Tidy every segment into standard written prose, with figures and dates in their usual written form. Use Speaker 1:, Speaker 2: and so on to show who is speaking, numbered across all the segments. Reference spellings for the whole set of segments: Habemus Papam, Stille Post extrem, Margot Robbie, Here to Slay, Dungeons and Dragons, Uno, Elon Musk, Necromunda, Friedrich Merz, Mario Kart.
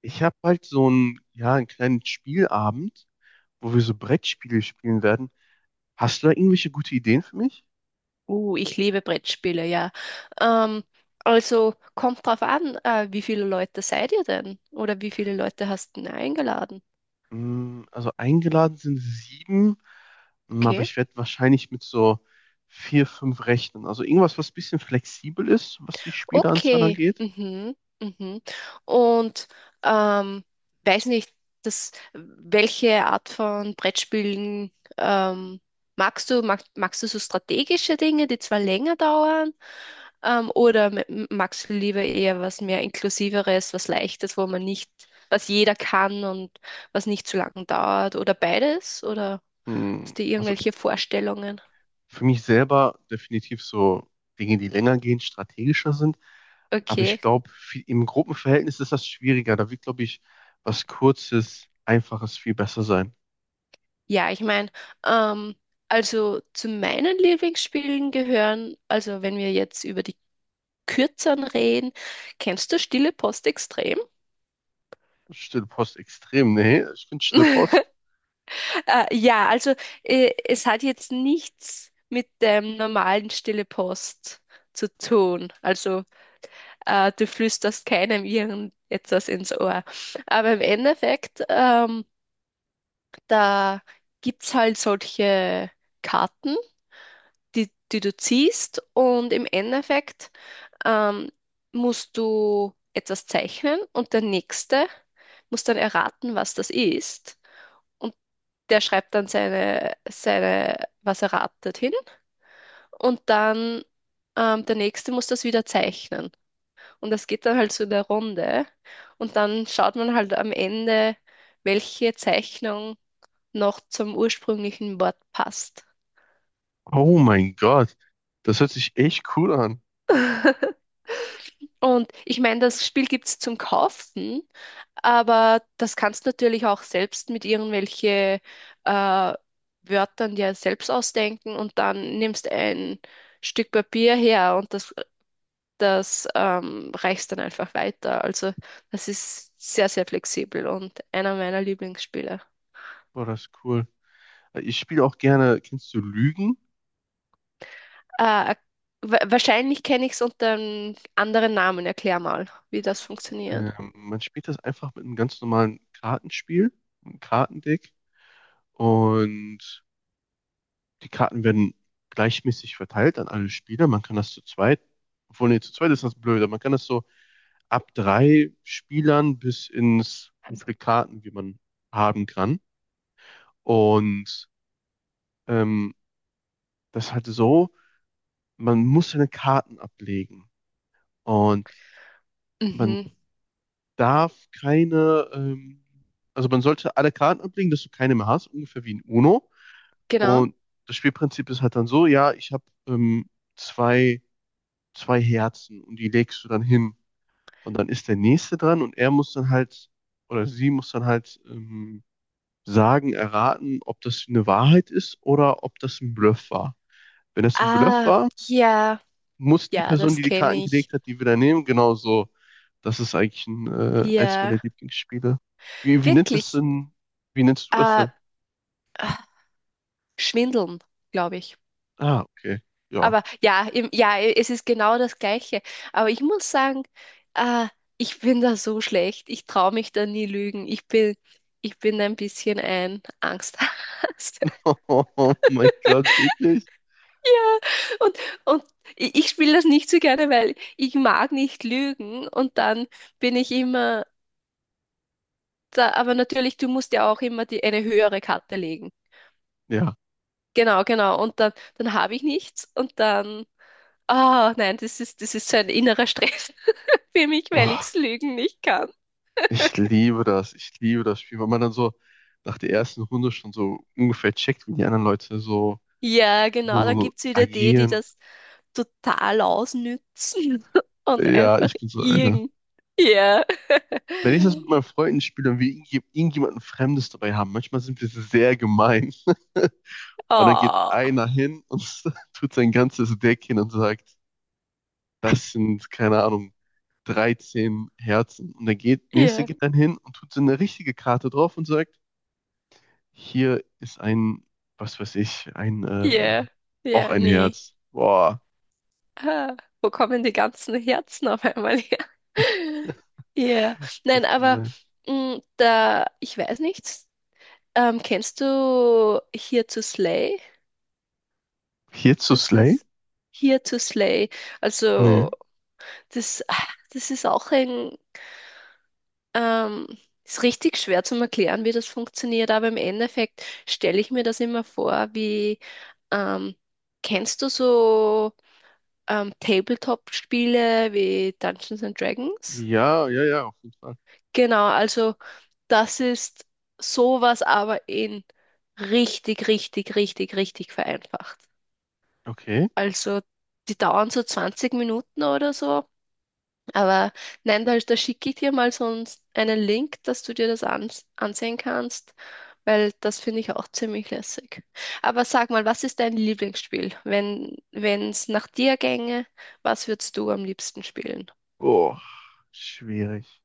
Speaker 1: Ich habe halt so einen, ja, einen kleinen Spielabend, wo wir so Brettspiele spielen werden. Hast du da irgendwelche gute Ideen für mich?
Speaker 2: Ich liebe Brettspiele, ja. Ähm, also kommt drauf an, wie viele Leute seid ihr denn? Oder wie viele Leute hast du denn eingeladen?
Speaker 1: Also eingeladen sind 7, aber
Speaker 2: Okay.
Speaker 1: ich werde wahrscheinlich mit so 4, 5 rechnen. Also irgendwas, was ein bisschen flexibel ist, was die Spieleranzahl
Speaker 2: Okay.
Speaker 1: angeht.
Speaker 2: Mhm. Mhm. Und ähm, weiß nicht, welche Art von Brettspielen ähm, magst du? Magst du so strategische Dinge, die zwar länger dauern? Oder mit magst du lieber eher was mehr Inklusiveres, was Leichtes, wo man nicht, was jeder kann und was nicht zu lange dauert? Oder beides? Oder
Speaker 1: Mm,
Speaker 2: hast du
Speaker 1: Also
Speaker 2: irgendwelche Vorstellungen?
Speaker 1: für mich selber definitiv so Dinge, die länger gehen, strategischer sind. Aber ich
Speaker 2: Okay.
Speaker 1: glaube, im Gruppenverhältnis ist das schwieriger. Da wird, glaube ich, was Kurzes, Einfaches viel besser sein.
Speaker 2: Ja, ich meine, ähm, also zu meinen Lieblingsspielen gehören, also wenn wir jetzt über die Kürzeren reden, kennst du Stille Post extrem?
Speaker 1: Stille Post extrem? Nee, ich finde Stille Post.
Speaker 2: Ja, also es hat jetzt nichts mit dem normalen Stille Post zu tun. Also du flüsterst keinem irgendetwas ins Ohr. Aber im Endeffekt da gibt's halt solche Karten, die du ziehst, und im Endeffekt ähm, musst du etwas zeichnen und der Nächste muss dann erraten, was das ist. Und der schreibt dann seine, was er ratet hin, und dann der Nächste muss das wieder zeichnen. Und das geht dann halt so in der Runde. Und dann schaut man halt am Ende, welche Zeichnung noch zum ursprünglichen Wort passt.
Speaker 1: Oh mein Gott. Das hört sich echt cool an.
Speaker 2: Und ich meine, das Spiel gibt es zum Kaufen, aber das kannst du natürlich auch selbst mit irgendwelche äh, Wörtern dir selbst ausdenken, und dann nimmst ein Stück Papier her und das reichst dann einfach weiter. Also das ist sehr, sehr flexibel und einer meiner Lieblingsspiele.
Speaker 1: Boah, das ist cool. Ich spiele auch gerne, kennst du Lügen?
Speaker 2: Äh, Wahrscheinlich kenne ich es unter einem anderen Namen. Erklär mal, wie das funktioniert.
Speaker 1: Man spielt das einfach mit einem ganz normalen Kartenspiel, einem Kartendeck. Und die Karten werden gleichmäßig verteilt an alle Spieler. Man kann das zu zweit, obwohl, nee, zu zweit ist das blöde. Man kann das so ab 3 Spielern bis ins, wie viele Karten, wie man haben kann. Und ähm, das ist halt so, man muss seine Karten ablegen und man
Speaker 2: Mhm,
Speaker 1: darf keine, also man sollte alle Karten ablegen, dass du keine mehr hast, ungefähr wie in Uno.
Speaker 2: genau.
Speaker 1: Und das Spielprinzip ist halt dann so, ja, ich habe zwei, zwei Herzen und die legst du dann hin. Und dann ist der nächste dran und er muss dann halt, oder sie muss dann halt sagen, erraten, ob das eine Wahrheit ist oder ob das ein Bluff war. Wenn das ein Bluff
Speaker 2: Ah,
Speaker 1: war,
Speaker 2: ja,
Speaker 1: muss die
Speaker 2: ja,
Speaker 1: Person,
Speaker 2: das
Speaker 1: die die Karten
Speaker 2: kenne
Speaker 1: gelegt
Speaker 2: ich.
Speaker 1: hat, die wieder nehmen, genauso. Das ist eigentlich ein, eins
Speaker 2: Ja,
Speaker 1: meiner Lieblingsspiele. Wie nennt es
Speaker 2: wirklich.
Speaker 1: denn? Wie nennst du das
Speaker 2: Äh,
Speaker 1: denn?
Speaker 2: ah, Schwindeln, glaube ich.
Speaker 1: Ah, okay. Ja.
Speaker 2: Aber ja, ja, es ist genau das Gleiche. Aber ich muss sagen, äh, ich bin da so schlecht. Ich traue mich da nie lügen. Ich bin ein bisschen ein Angsthase.
Speaker 1: Oh mein Gott, wirklich?
Speaker 2: Ja. Und, und ich spiele das nicht so gerne, weil ich mag nicht lügen, und dann bin ich immer da, aber natürlich, du musst ja auch immer eine höhere Karte legen.
Speaker 1: Ja.
Speaker 2: Genau, genau. Und dann habe ich nichts und dann, ah nein, das ist so ein innerer Stress für mich, weil
Speaker 1: Oh,
Speaker 2: ich lügen nicht kann.
Speaker 1: ich liebe das. Ich liebe das Spiel, weil man dann so nach der ersten Runde schon so ungefähr checkt, wie die anderen Leute so,
Speaker 2: Ja,
Speaker 1: so,
Speaker 2: genau,
Speaker 1: so
Speaker 2: dann
Speaker 1: so
Speaker 2: gibt es wieder die
Speaker 1: agieren.
Speaker 2: das total ausnützen und
Speaker 1: Ja,
Speaker 2: einfach
Speaker 1: ich bin so einer.
Speaker 2: irgend. Ja.
Speaker 1: Wenn ich das mit meinen Freunden spiele und wir irgendjemanden Fremdes dabei haben, manchmal sind wir sehr gemein. Und dann geht
Speaker 2: Oh,
Speaker 1: einer hin und tut sein ganzes Deck hin und sagt, das sind, keine Ahnung, 13 Herzen. Und der geht, nächste
Speaker 2: ja,
Speaker 1: geht dann hin und tut so eine richtige Karte drauf und sagt, hier ist ein, was weiß ich, ein,
Speaker 2: ja,
Speaker 1: auch
Speaker 2: ja,
Speaker 1: ein
Speaker 2: nee.
Speaker 1: Herz. Boah,
Speaker 2: Ah, wo kommen die ganzen Herzen auf einmal her? Ja,
Speaker 1: das
Speaker 2: nein,
Speaker 1: ist
Speaker 2: aber
Speaker 1: gemein.
Speaker 2: mh, da, ich weiß nicht, kennst du Here to Slay?
Speaker 1: Hier zu
Speaker 2: Das
Speaker 1: Slay?
Speaker 2: ist Here to Slay.
Speaker 1: Nö.
Speaker 2: Also, das, ah, das ist auch ein, ähm, ist richtig schwer zu erklären, wie das funktioniert, aber im Endeffekt stelle ich mir das immer vor, ähm, kennst du so Tabletop-Spiele wie Dungeons and Dragons?
Speaker 1: Ja, ja, ja, auf jeden Fall.
Speaker 2: Genau, also das ist sowas, aber in richtig, richtig, richtig, richtig vereinfacht.
Speaker 1: Okay.
Speaker 2: Also die dauern so 20 Minuten oder so. Aber nein, da, da schicke ich dir mal so einen einen Link, dass du dir das ansehen kannst, weil das finde ich auch ziemlich lässig. Aber sag mal, was ist dein Lieblingsspiel? Wenn es nach dir gänge, was würdest du am liebsten spielen?
Speaker 1: Boah, schwierig.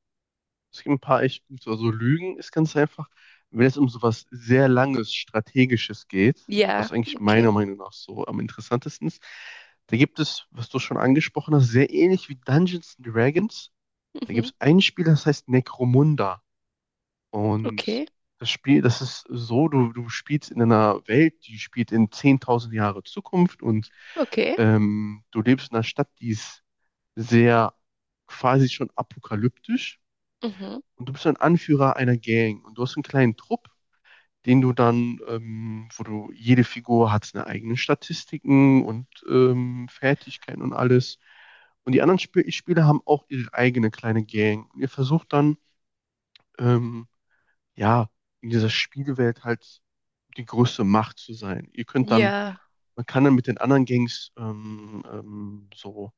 Speaker 1: Es gibt ein paar echt gute. Also Lügen ist ganz einfach. Wenn es um sowas sehr Langes, Strategisches geht,
Speaker 2: Ja,
Speaker 1: was eigentlich
Speaker 2: okay.
Speaker 1: meiner Meinung nach so am interessantesten ist, da gibt es, was du schon angesprochen hast, sehr ähnlich wie Dungeons and Dragons. Da gibt
Speaker 2: Mhm,
Speaker 1: es ein Spiel, das heißt Necromunda. Und
Speaker 2: okay,
Speaker 1: das Spiel, das ist so, du spielst in einer Welt, die spielt in 10.000 Jahre Zukunft und
Speaker 2: okay.
Speaker 1: du lebst in einer Stadt, die ist sehr quasi schon apokalyptisch.
Speaker 2: Mhm.
Speaker 1: Und du bist ein Anführer einer Gang und du hast einen kleinen Trupp, den du dann, wo du jede Figur hat seine eigenen Statistiken und Fertigkeiten und alles. Und die anderen Sp Spieler haben auch ihre eigene kleine Gang. Und ihr versucht dann, ähm, ja, in dieser Spielwelt halt die größte Macht zu sein. Ihr könnt dann,
Speaker 2: Ja.
Speaker 1: man kann dann mit den anderen Gangs so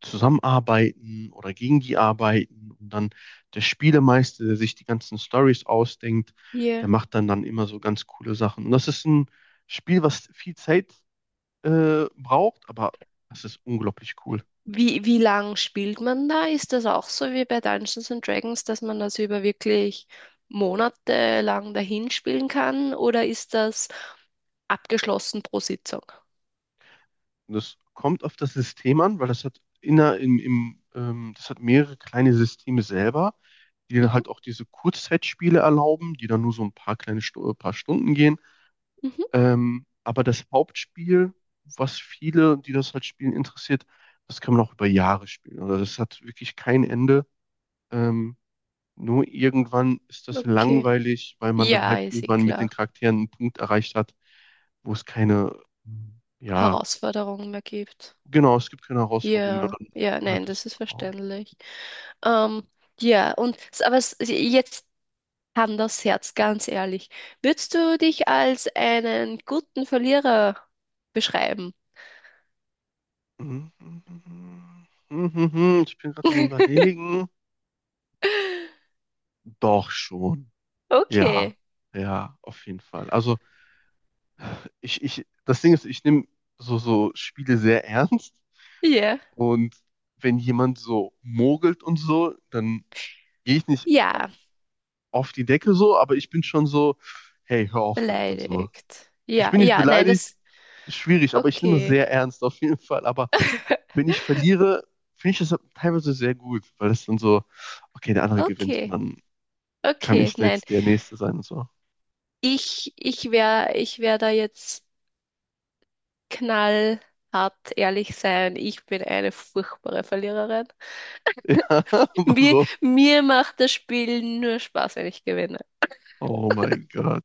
Speaker 1: zusammenarbeiten oder gegen die arbeiten. Und dann der Spielemeister, der sich die ganzen Stories ausdenkt, der
Speaker 2: Ja.
Speaker 1: macht dann immer so ganz coole Sachen. Und das ist ein Spiel, was viel Zeit braucht, aber das ist unglaublich cool.
Speaker 2: Wie lang spielt man da? Ist das auch so wie bei Dungeons and Dragons, dass man das über wirklich monatelang dahin spielen kann? Oder ist das abgeschlossen pro Sitzung?
Speaker 1: Und das kommt auf das System an, weil das hat inner im, im das hat mehrere kleine Systeme selber, die dann
Speaker 2: Mhm,
Speaker 1: halt auch diese Kurzzeitspiele erlauben, die dann nur so ein paar kleine paar Stunden gehen.
Speaker 2: mhm,
Speaker 1: Aber das Hauptspiel, was viele, die das halt spielen, interessiert, das kann man auch über Jahre spielen. Oder das hat wirklich kein Ende. Ähm, Nur irgendwann ist das
Speaker 2: okay.
Speaker 1: langweilig, weil man dann
Speaker 2: Ja,
Speaker 1: halt
Speaker 2: ist eh
Speaker 1: irgendwann mit den
Speaker 2: klar.
Speaker 1: Charakteren einen Punkt erreicht hat, wo es keine, ja,
Speaker 2: Herausforderungen mehr gibt.
Speaker 1: genau, es gibt keine Herausforderung mehr.
Speaker 2: Ja,
Speaker 1: Dann
Speaker 2: ja,
Speaker 1: hört
Speaker 2: nein,
Speaker 1: das
Speaker 2: das ist
Speaker 1: auf.
Speaker 2: verständlich. Ähm, ja, und jetzt kann das Herz ganz ehrlich. Würdest du dich als einen guten Verlierer beschreiben?
Speaker 1: Mhm. Mhm. Ich bin gerade am Überlegen. Doch schon. Ja,
Speaker 2: Okay.
Speaker 1: ja, auf jeden Fall. Also das Ding ist, ich nehme so, so Spiele sehr ernst
Speaker 2: Ja.
Speaker 1: und wenn jemand so mogelt und so, dann gehe ich nicht
Speaker 2: Ja,
Speaker 1: auf die Decke so, aber ich bin schon so, hey, hör auf damit und so.
Speaker 2: beleidigt.
Speaker 1: Ich
Speaker 2: Ja,
Speaker 1: bin nicht
Speaker 2: ja, nein,
Speaker 1: beleidigt,
Speaker 2: das.
Speaker 1: ist schwierig, aber ich nehme es
Speaker 2: Okay.
Speaker 1: sehr ernst auf jeden Fall. Aber wenn ich verliere, finde ich das teilweise sehr gut, weil es dann so, okay, der andere gewinnt und
Speaker 2: Okay.
Speaker 1: dann kann
Speaker 2: Okay,
Speaker 1: ich
Speaker 2: nein.
Speaker 1: jetzt der Nächste sein und so.
Speaker 2: Ich wär da jetzt knallhart ehrlich sein. Ich bin eine furchtbare Verliererin.
Speaker 1: Warum?
Speaker 2: Mir macht das Spiel nur Spaß, wenn ich gewinne.
Speaker 1: Oh mein Gott.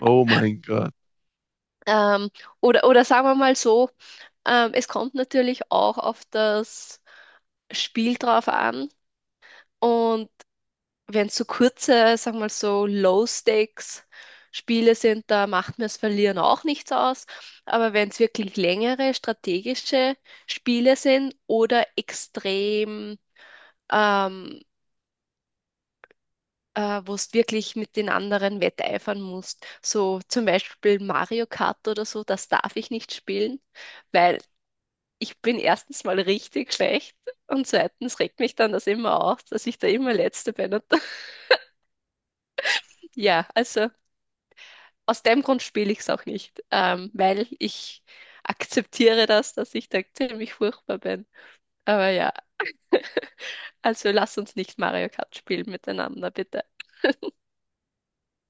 Speaker 1: Oh mein Gott.
Speaker 2: Ähm, oder sagen wir mal so, es kommt natürlich auch auf das Spiel drauf an. Und wenn es so kurze, sagen wir mal so Low-Stakes-Spiele sind, da macht mir das Verlieren auch nichts aus. Aber wenn es wirklich längere strategische Spiele sind oder extrem, ähm, wo es wirklich mit den anderen wetteifern musst, so zum Beispiel Mario Kart oder so, das darf ich nicht spielen, weil ich bin erstens mal richtig schlecht, und zweitens regt mich dann das immer auf, dass ich da immer Letzte bin. Und ja, also, aus dem Grund spiele ich es auch nicht, weil ich akzeptiere das, dass ich da ziemlich furchtbar bin. Aber ja, also lass uns nicht Mario Kart spielen miteinander, bitte.